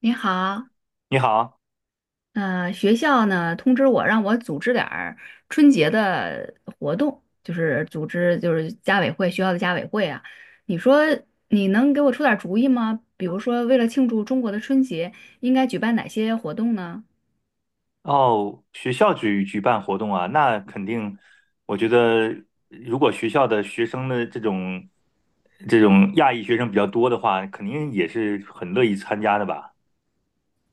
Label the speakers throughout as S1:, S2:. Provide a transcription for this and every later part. S1: 你好，
S2: 你好，
S1: 学校呢通知我让我组织点儿春节的活动，就是组织就是家委会学校的家委会啊。你说你能给我出点儿主意吗？比如说为了庆祝中国的春节，应该举办哪些活动呢？
S2: 哦，学校办活动啊，那肯定，我觉得如果学校的学生的这种亚裔学生比较多的话，肯定也是很乐意参加的吧？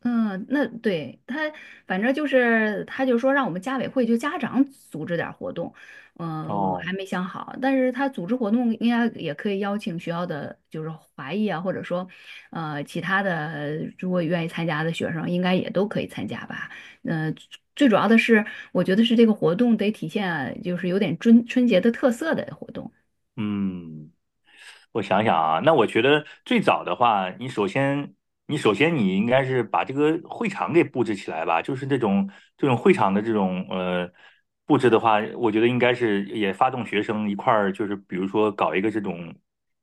S1: 嗯，那对他，反正就是，他就说让我们家委会就家长组织点儿活动，嗯，我还
S2: 哦，
S1: 没想好，但是他组织活动应该也可以邀请学校的就是华裔啊，或者说，其他的如果愿意参加的学生，应该也都可以参加吧。嗯，最主要的是，我觉得是这个活动得体现就是有点春节的特色的活动。
S2: 嗯。我想想啊，那我觉得最早的话，你首先，你应该是把这个会场给布置起来吧，就是这种会场的这种布置的话，我觉得应该是也发动学生一块儿，就是比如说搞一个这种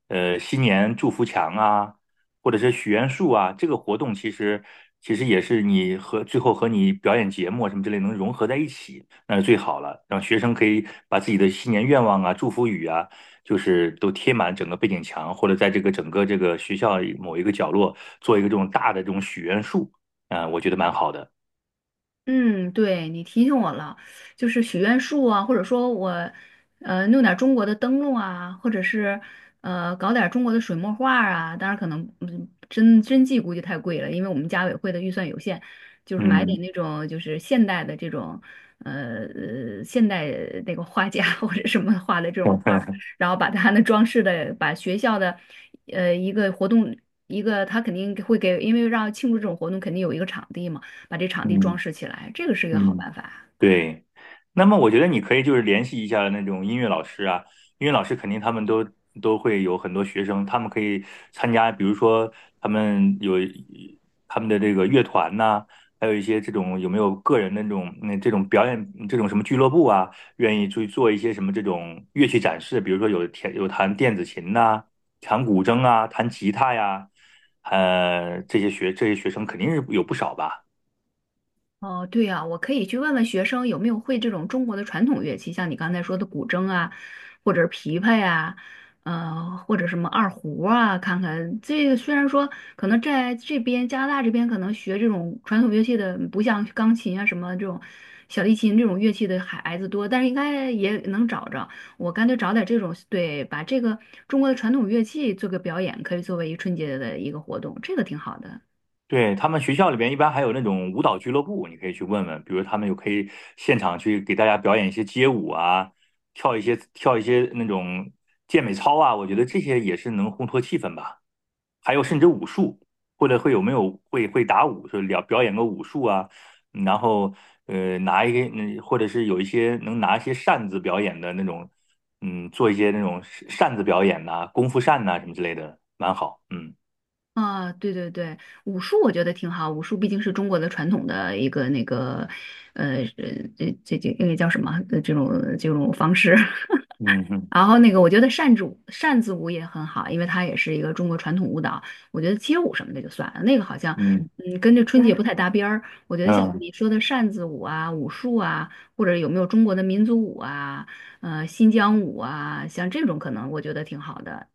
S2: 新年祝福墙啊，或者是许愿树啊，这个活动其实也是你和最后和你表演节目啊什么之类能融合在一起，那是最好了，让学生可以把自己的新年愿望啊、祝福语啊。就是都贴满整个背景墙，或者在这个整个这个学校某一个角落做一个这种大的这种许愿树，啊、我觉得蛮好的。
S1: 嗯，对，你提醒我了，就是许愿树啊，或者说我，弄点儿中国的灯笼啊，或者是搞点儿中国的水墨画儿啊。当然，可能嗯，真迹估计太贵了，因为我们家委会的预算有限，就是买点
S2: 嗯
S1: 那种就是现代的这种，呃，呃现代那个画家 或者什么画的这种画儿， 然后把它的装饰的，把学校的，一个活动，一个他肯定会给，因为让庆祝这种活动，肯定有一个场地嘛。把这场地装
S2: 嗯
S1: 饰起来，这个是一个好
S2: 嗯。
S1: 办法啊。
S2: 对，那么我觉得你可以就是联系一下那种音乐老师啊，音乐老师肯定他们都会有很多学生，他们可以参加，比如说他们有他们的这个乐团呐、还有一些这种有没有个人的那种这种表演这种什么俱乐部啊，愿意去做一些什么这种乐器展示，比如说有弹电子琴呐、弹古筝啊、弹吉他呀，这些学生肯定是有不少吧。
S1: 哦，对呀，我可以去问问学生有没有会这种中国的传统乐器，像你刚才说的古筝啊，或者是琵琶呀、或者什么二胡啊，看看这个虽然说可能在这边加拿大这边可能学这种传统乐器的，不像钢琴啊什么这种小提琴这种乐器的孩子多，但是应该也能找着。我干脆找点这种，对，把这个中国的传统乐器做个表演，可以作为一春节的一个活动，这个挺好的。
S2: 对，他们学校里边一般还有那种舞蹈俱乐部，你可以去问问，比如他们有可以现场去给大家表演一些街舞啊，跳一些那种健美操啊，我觉得这些也是能烘托气氛吧。还有甚至武术，或者会有没有会打武，就表演个武术啊，然后拿一个，或者是有一些能拿一些扇子表演的那种，做一些那种扇子表演呐、功夫扇呐、什么之类的，蛮好，嗯
S1: 啊，对对对，武术我觉得挺好。武术毕竟是中国的传统的一个那个，呃，呃这那个叫什么？呃这种这种方式。
S2: 嗯嗯
S1: 然后那个，我觉得扇子舞也很好，因为它也是一个中国传统舞蹈。我觉得街舞什么的就算了，那个好像
S2: 嗯。
S1: 嗯跟这春节不太搭边儿。我觉得像
S2: 嗯，
S1: 你说的扇子舞啊、武术啊，或者有没有中国的民族舞啊、新疆舞啊，像这种可能我觉得挺好的。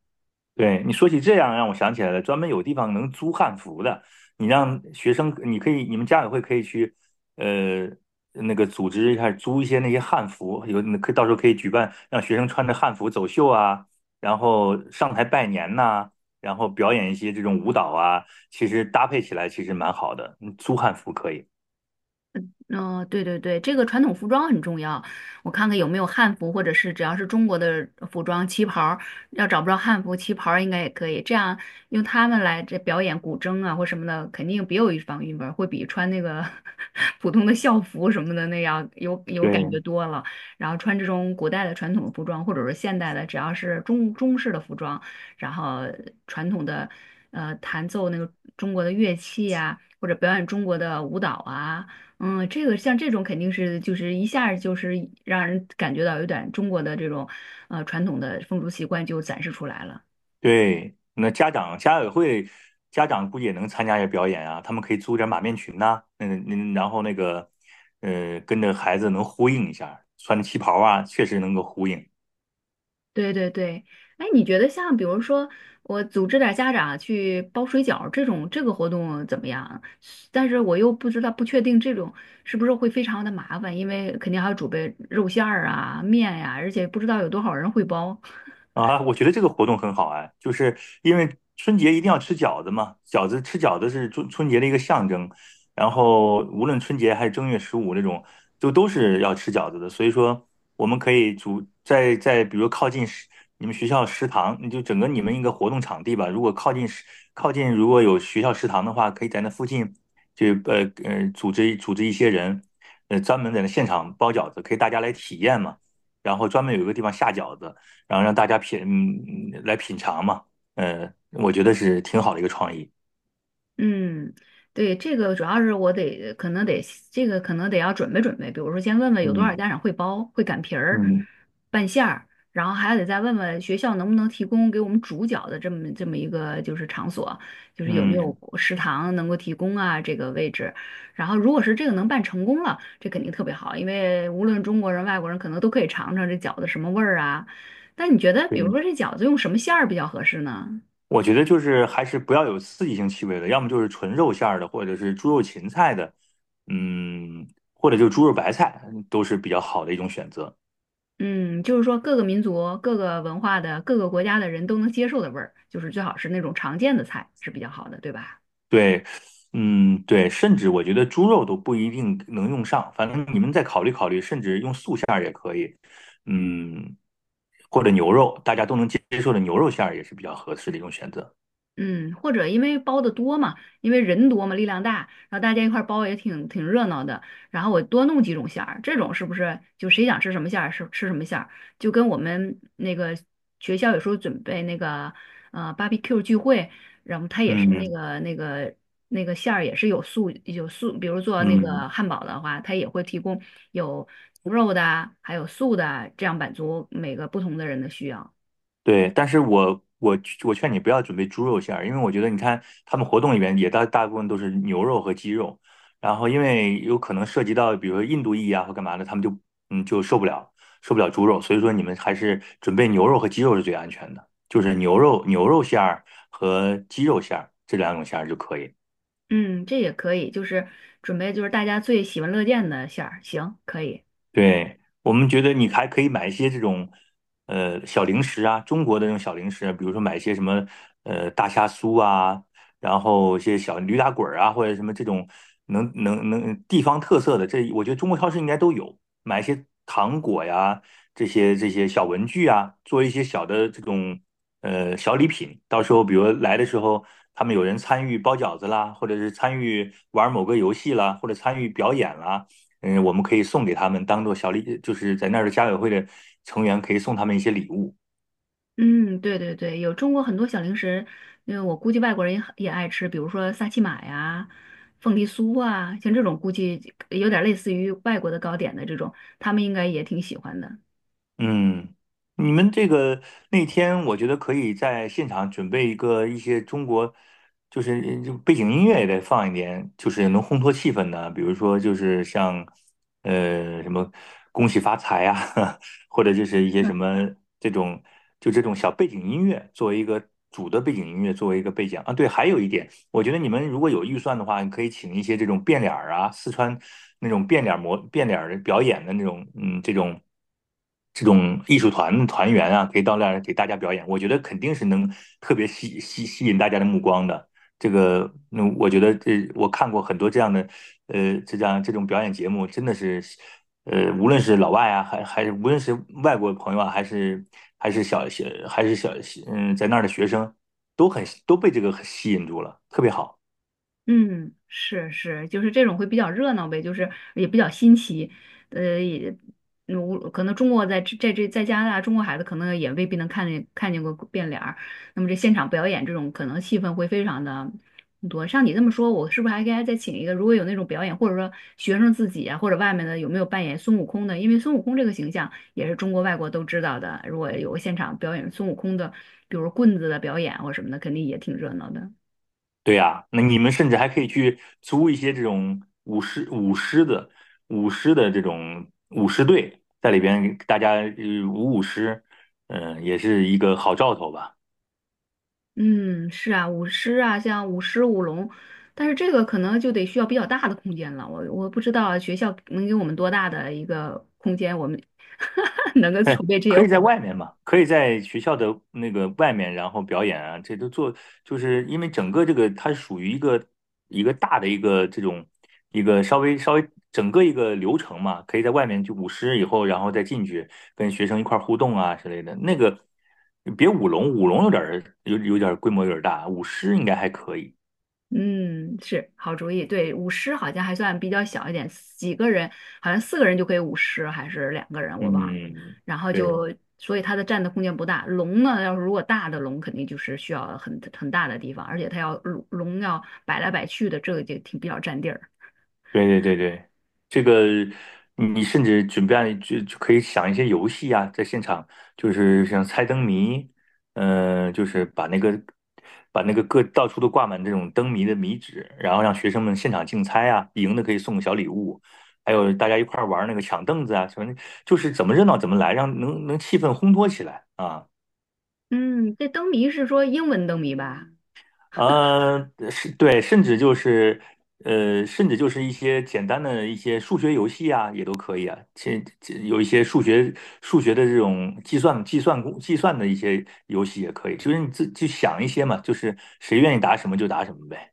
S2: 对，你说起这样，让我想起来了，专门有地方能租汉服的。你让学生，你可以，你们家委会可以去，呃，那个组织一下租一些那些汉服，有那可以到时候可以举办让学生穿着汉服走秀啊，然后上台拜年呐、然后表演一些这种舞蹈啊，其实搭配起来其实蛮好的。嗯租汉服可以。
S1: 嗯、对对对，这个传统服装很重要。我看看有没有汉服，或者是只要是中国的服装，旗袍儿要找不着汉服，旗袍儿应该也可以。这样用他们来这表演古筝啊或什么的，肯定别有一番韵味儿会比穿那个 普通的校服什么的那样有感觉
S2: 对，
S1: 多了。然后穿这种古代的传统服装，或者是现代的，只要是中式的服装，然后传统的弹奏那个中国的乐器啊，或者表演中国的舞蹈啊。嗯，这个像这种肯定是就是一下儿就是让人感觉到有点中国的这种传统的风俗习惯就展示出来了。
S2: 对，那家委会家长估计也能参加一下表演啊，他们可以租点马面裙呐、然后那个跟着孩子能呼应一下，穿着旗袍啊，确实能够呼应。
S1: 对对对，哎，你觉得像比如说我组织点儿家长啊去包水饺儿这种这个活动怎么样啊？但是我又不知道不确定这种是不是会非常的麻烦，因为肯定还要准备肉馅儿啊、面呀、而且不知道有多少人会包。
S2: 啊，我觉得这个活动很好哎，就是因为春节一定要吃饺子嘛，吃饺子是春节的一个象征，然后无论春节还是正月十五那种，就都是要吃饺子的，所以说我们可以在比如靠近你们学校食堂，你就整个你们一个活动场地吧，如果靠近如果有学校食堂的话，可以在那附近就组织组织一些人，专门在那现场包饺子，可以大家来体验嘛。然后专门有一个地方下饺子，然后让大家来品尝嘛，我觉得是挺好的一个创意。
S1: 嗯，对，这个主要是我得可能得要准备准备，比如说先问问有多少
S2: 嗯
S1: 家长会包、会擀皮儿、
S2: 嗯
S1: 拌馅儿，然后还得再问问学校能不能提供给我们煮饺子这么一个就是场所，就是有没有
S2: 嗯，
S1: 食堂能够提供啊这个位置。然后如果是这个能办成功了，这肯定特别好，因为无论中国人、外国人可能都可以尝尝这饺子什么味儿啊。但你觉得，比
S2: 对，
S1: 如说这饺子用什么馅儿比较合适呢？
S2: 我觉得就是还是不要有刺激性气味的，要么就是纯肉馅儿的，或者是猪肉芹菜的，嗯，或者就猪肉白菜都是比较好的一种选择。
S1: 嗯，就是说各个民族、各个文化的、各个国家的人都能接受的味儿，就是最好是那种常见的菜是比较好的，对吧？
S2: 对，嗯对，甚至我觉得猪肉都不一定能用上，反正你们再考虑考虑，甚至用素馅儿，嗯，或者牛肉，大家都能接受的牛肉馅儿也是比较合适的一种选择。
S1: 嗯，或者因为包的多嘛，因为人多嘛，力量大，然后大家一块儿包也挺热闹的。然后我多弄几种馅儿，这种是不是就谁想吃什么馅儿是吃什么馅儿？就跟我们那个学校有时候准备那个barbecue 聚会，然后它也是那
S2: 嗯。
S1: 个那个那个馅儿也是有素，比如做那
S2: 嗯，
S1: 个汉堡的话，它也会提供有牛肉的啊还有素的啊这样满足每个不同的人的需要。
S2: 对，但是我劝你不要准备猪肉馅儿，因为我觉得你看他们活动里面也大部分都是牛肉和鸡肉，然后因为有可能涉及到比如说印度裔啊或干嘛的，他们就嗯就受不了受不了猪肉，所以说你们还是准备牛肉和鸡肉是最安全的，就是牛肉馅儿和鸡肉馅儿这两种馅儿就可以。
S1: 嗯，这也可以，就是准备就是大家最喜闻乐见的馅儿，行，可以。
S2: 对，我们觉得你还可以买一些这种，小零食啊，中国的这种小零食，比如说买一些什么，大虾酥啊，然后一些小驴打滚儿啊，或者什么这种能地方特色的，这我觉得中国超市应该都有，买一些糖果呀，这些小文具啊，做一些小的这种小礼品，到时候比如来的时候，他们有人参与包饺子啦，或者是参与玩某个游戏啦，或者参与表演啦。我们可以送给他们当做小礼，就是在那儿的家委会的成员可以送他们一些礼物。
S1: 嗯，对对对，有中国很多小零食，因为我估计外国人也很也爱吃，比如说萨琪玛呀、凤梨酥啊，像这种估计有点类似于外国的糕点的这种，他们应该也挺喜欢的。
S2: 嗯，你们这个那天，我觉得可以在现场准备一些中国，就是背景音乐也得放一点，就是能烘托气氛的，比如说就是像什么恭喜发财啊，或者就是一些什么这种这种小背景音乐作为一个主的背景音乐作为一个背景啊。对，还有一点，我觉得你们如果有预算的话，你可以请一些这种变脸儿啊，四川那种变脸儿表演的那种，这种。这种艺术团团员啊，可以到那儿给大家表演，我觉得肯定是能特别吸引大家的目光的。这个，那我觉得我看过很多这样的，这样这种表演节目，真的是，无论是老外啊，还是无论是外国朋友啊，还是还是小小还是小，在那儿的学生，都被这个吸引住了，特别好。
S1: 嗯，是是，就是这种会比较热闹呗，就是也比较新奇，呃，也，嗯无可能中国在这在加拿大，中国孩子可能也未必能看见过变脸儿，那么这现场表演这种可能气氛会非常的多。像你这么说，我是不是还应该再请一个？如果有那种表演，或者说学生自己啊，或者外面的有没有扮演孙悟空的？因为孙悟空这个形象也是中国外国都知道的，如果有个现场表演孙悟空的，比如棍子的表演或什么的，肯定也挺热闹的。
S2: 对呀，那你们甚至还可以去租一些这种舞狮的这种舞狮队，在里边给大家舞狮，也是一个好兆头吧。
S1: 嗯，是啊，舞狮啊，像舞狮、舞龙，但是这个可能就得需要比较大的空间了。我不知道学校能给我们多大的一个空间，我们 能够筹备这些
S2: 可以
S1: 活
S2: 在外
S1: 动。
S2: 面嘛，可以在学校的那个外面，然后表演啊，这都做，就是因为整个这个它属于一个大的一个这种一个稍微整个一个流程嘛，可以在外面就舞狮以后，然后再进去跟学生一块儿互动啊之类的。那个别舞龙，舞龙有点儿规模有点儿大，舞狮应该还可以。
S1: 嗯，是好主意。对，舞狮好像还算比较小一点，几个人好像四个人就可以舞狮，还是两个人我忘了。
S2: 嗯，
S1: 然后
S2: 对，
S1: 就所以它的占的空间不大。龙呢，要是如果大的龙，肯定就是需要很很大的地方，而且它要龙要摆来摆去的，这个就挺比较占地儿。
S2: 对对对对，这个你甚至准备就可以想一些游戏啊，在现场就是像猜灯谜，就是把那个各到处都挂满这种灯谜的谜纸，然后让学生们现场竞猜啊，赢的可以送个小礼物，还有大家一块儿玩那个抢凳子啊，什么就是怎么热闹怎么来，让能气氛烘托起来啊。
S1: 嗯，这灯谜是说英文灯谜吧？
S2: 是对，甚至就是，甚至就是一些简单的一些数学游戏啊，也都可以啊。有一些数学的这种计算的一些游戏也可以，就是你自己去想一些嘛，就是谁愿意答什么就答什么呗。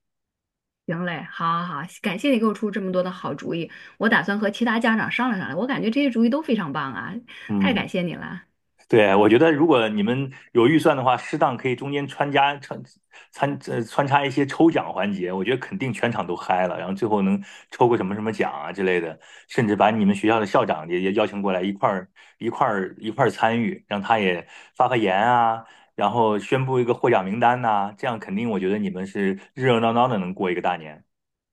S1: 行嘞，好好好，感谢你给我出这么多的好主意，我打算和其他家长商量商量。我感觉这些主意都非常棒啊，太感
S2: 嗯。
S1: 谢你了。
S2: 对，我觉得如果你们有预算的话，适当可以中间穿插一些抽奖环节，我觉得肯定全场都嗨了，然后最后能抽个什么什么奖啊之类的，甚至把你们学校的校长也邀请过来一块儿参与，让他也发言啊，然后宣布一个获奖名单呐、这样肯定我觉得你们是热热闹闹的能过一个大年。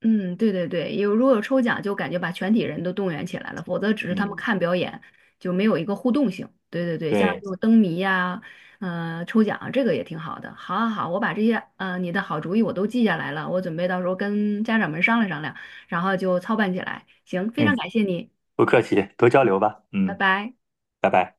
S1: 嗯，对对对，有如果有抽奖，就感觉把全体人都动员起来了，否则只是他们
S2: 嗯，
S1: 看表演，就没有一个互动性。对对对，像这
S2: 对，
S1: 种灯谜呀、抽奖啊这个也挺好的。好好好，我把这些你的好主意我都记下来了，我准备到时候跟家长们商量商量，然后就操办起来。行，非常
S2: 嗯，
S1: 感谢你，
S2: 不客气，多交流吧。
S1: 拜
S2: 嗯，
S1: 拜。
S2: 拜拜。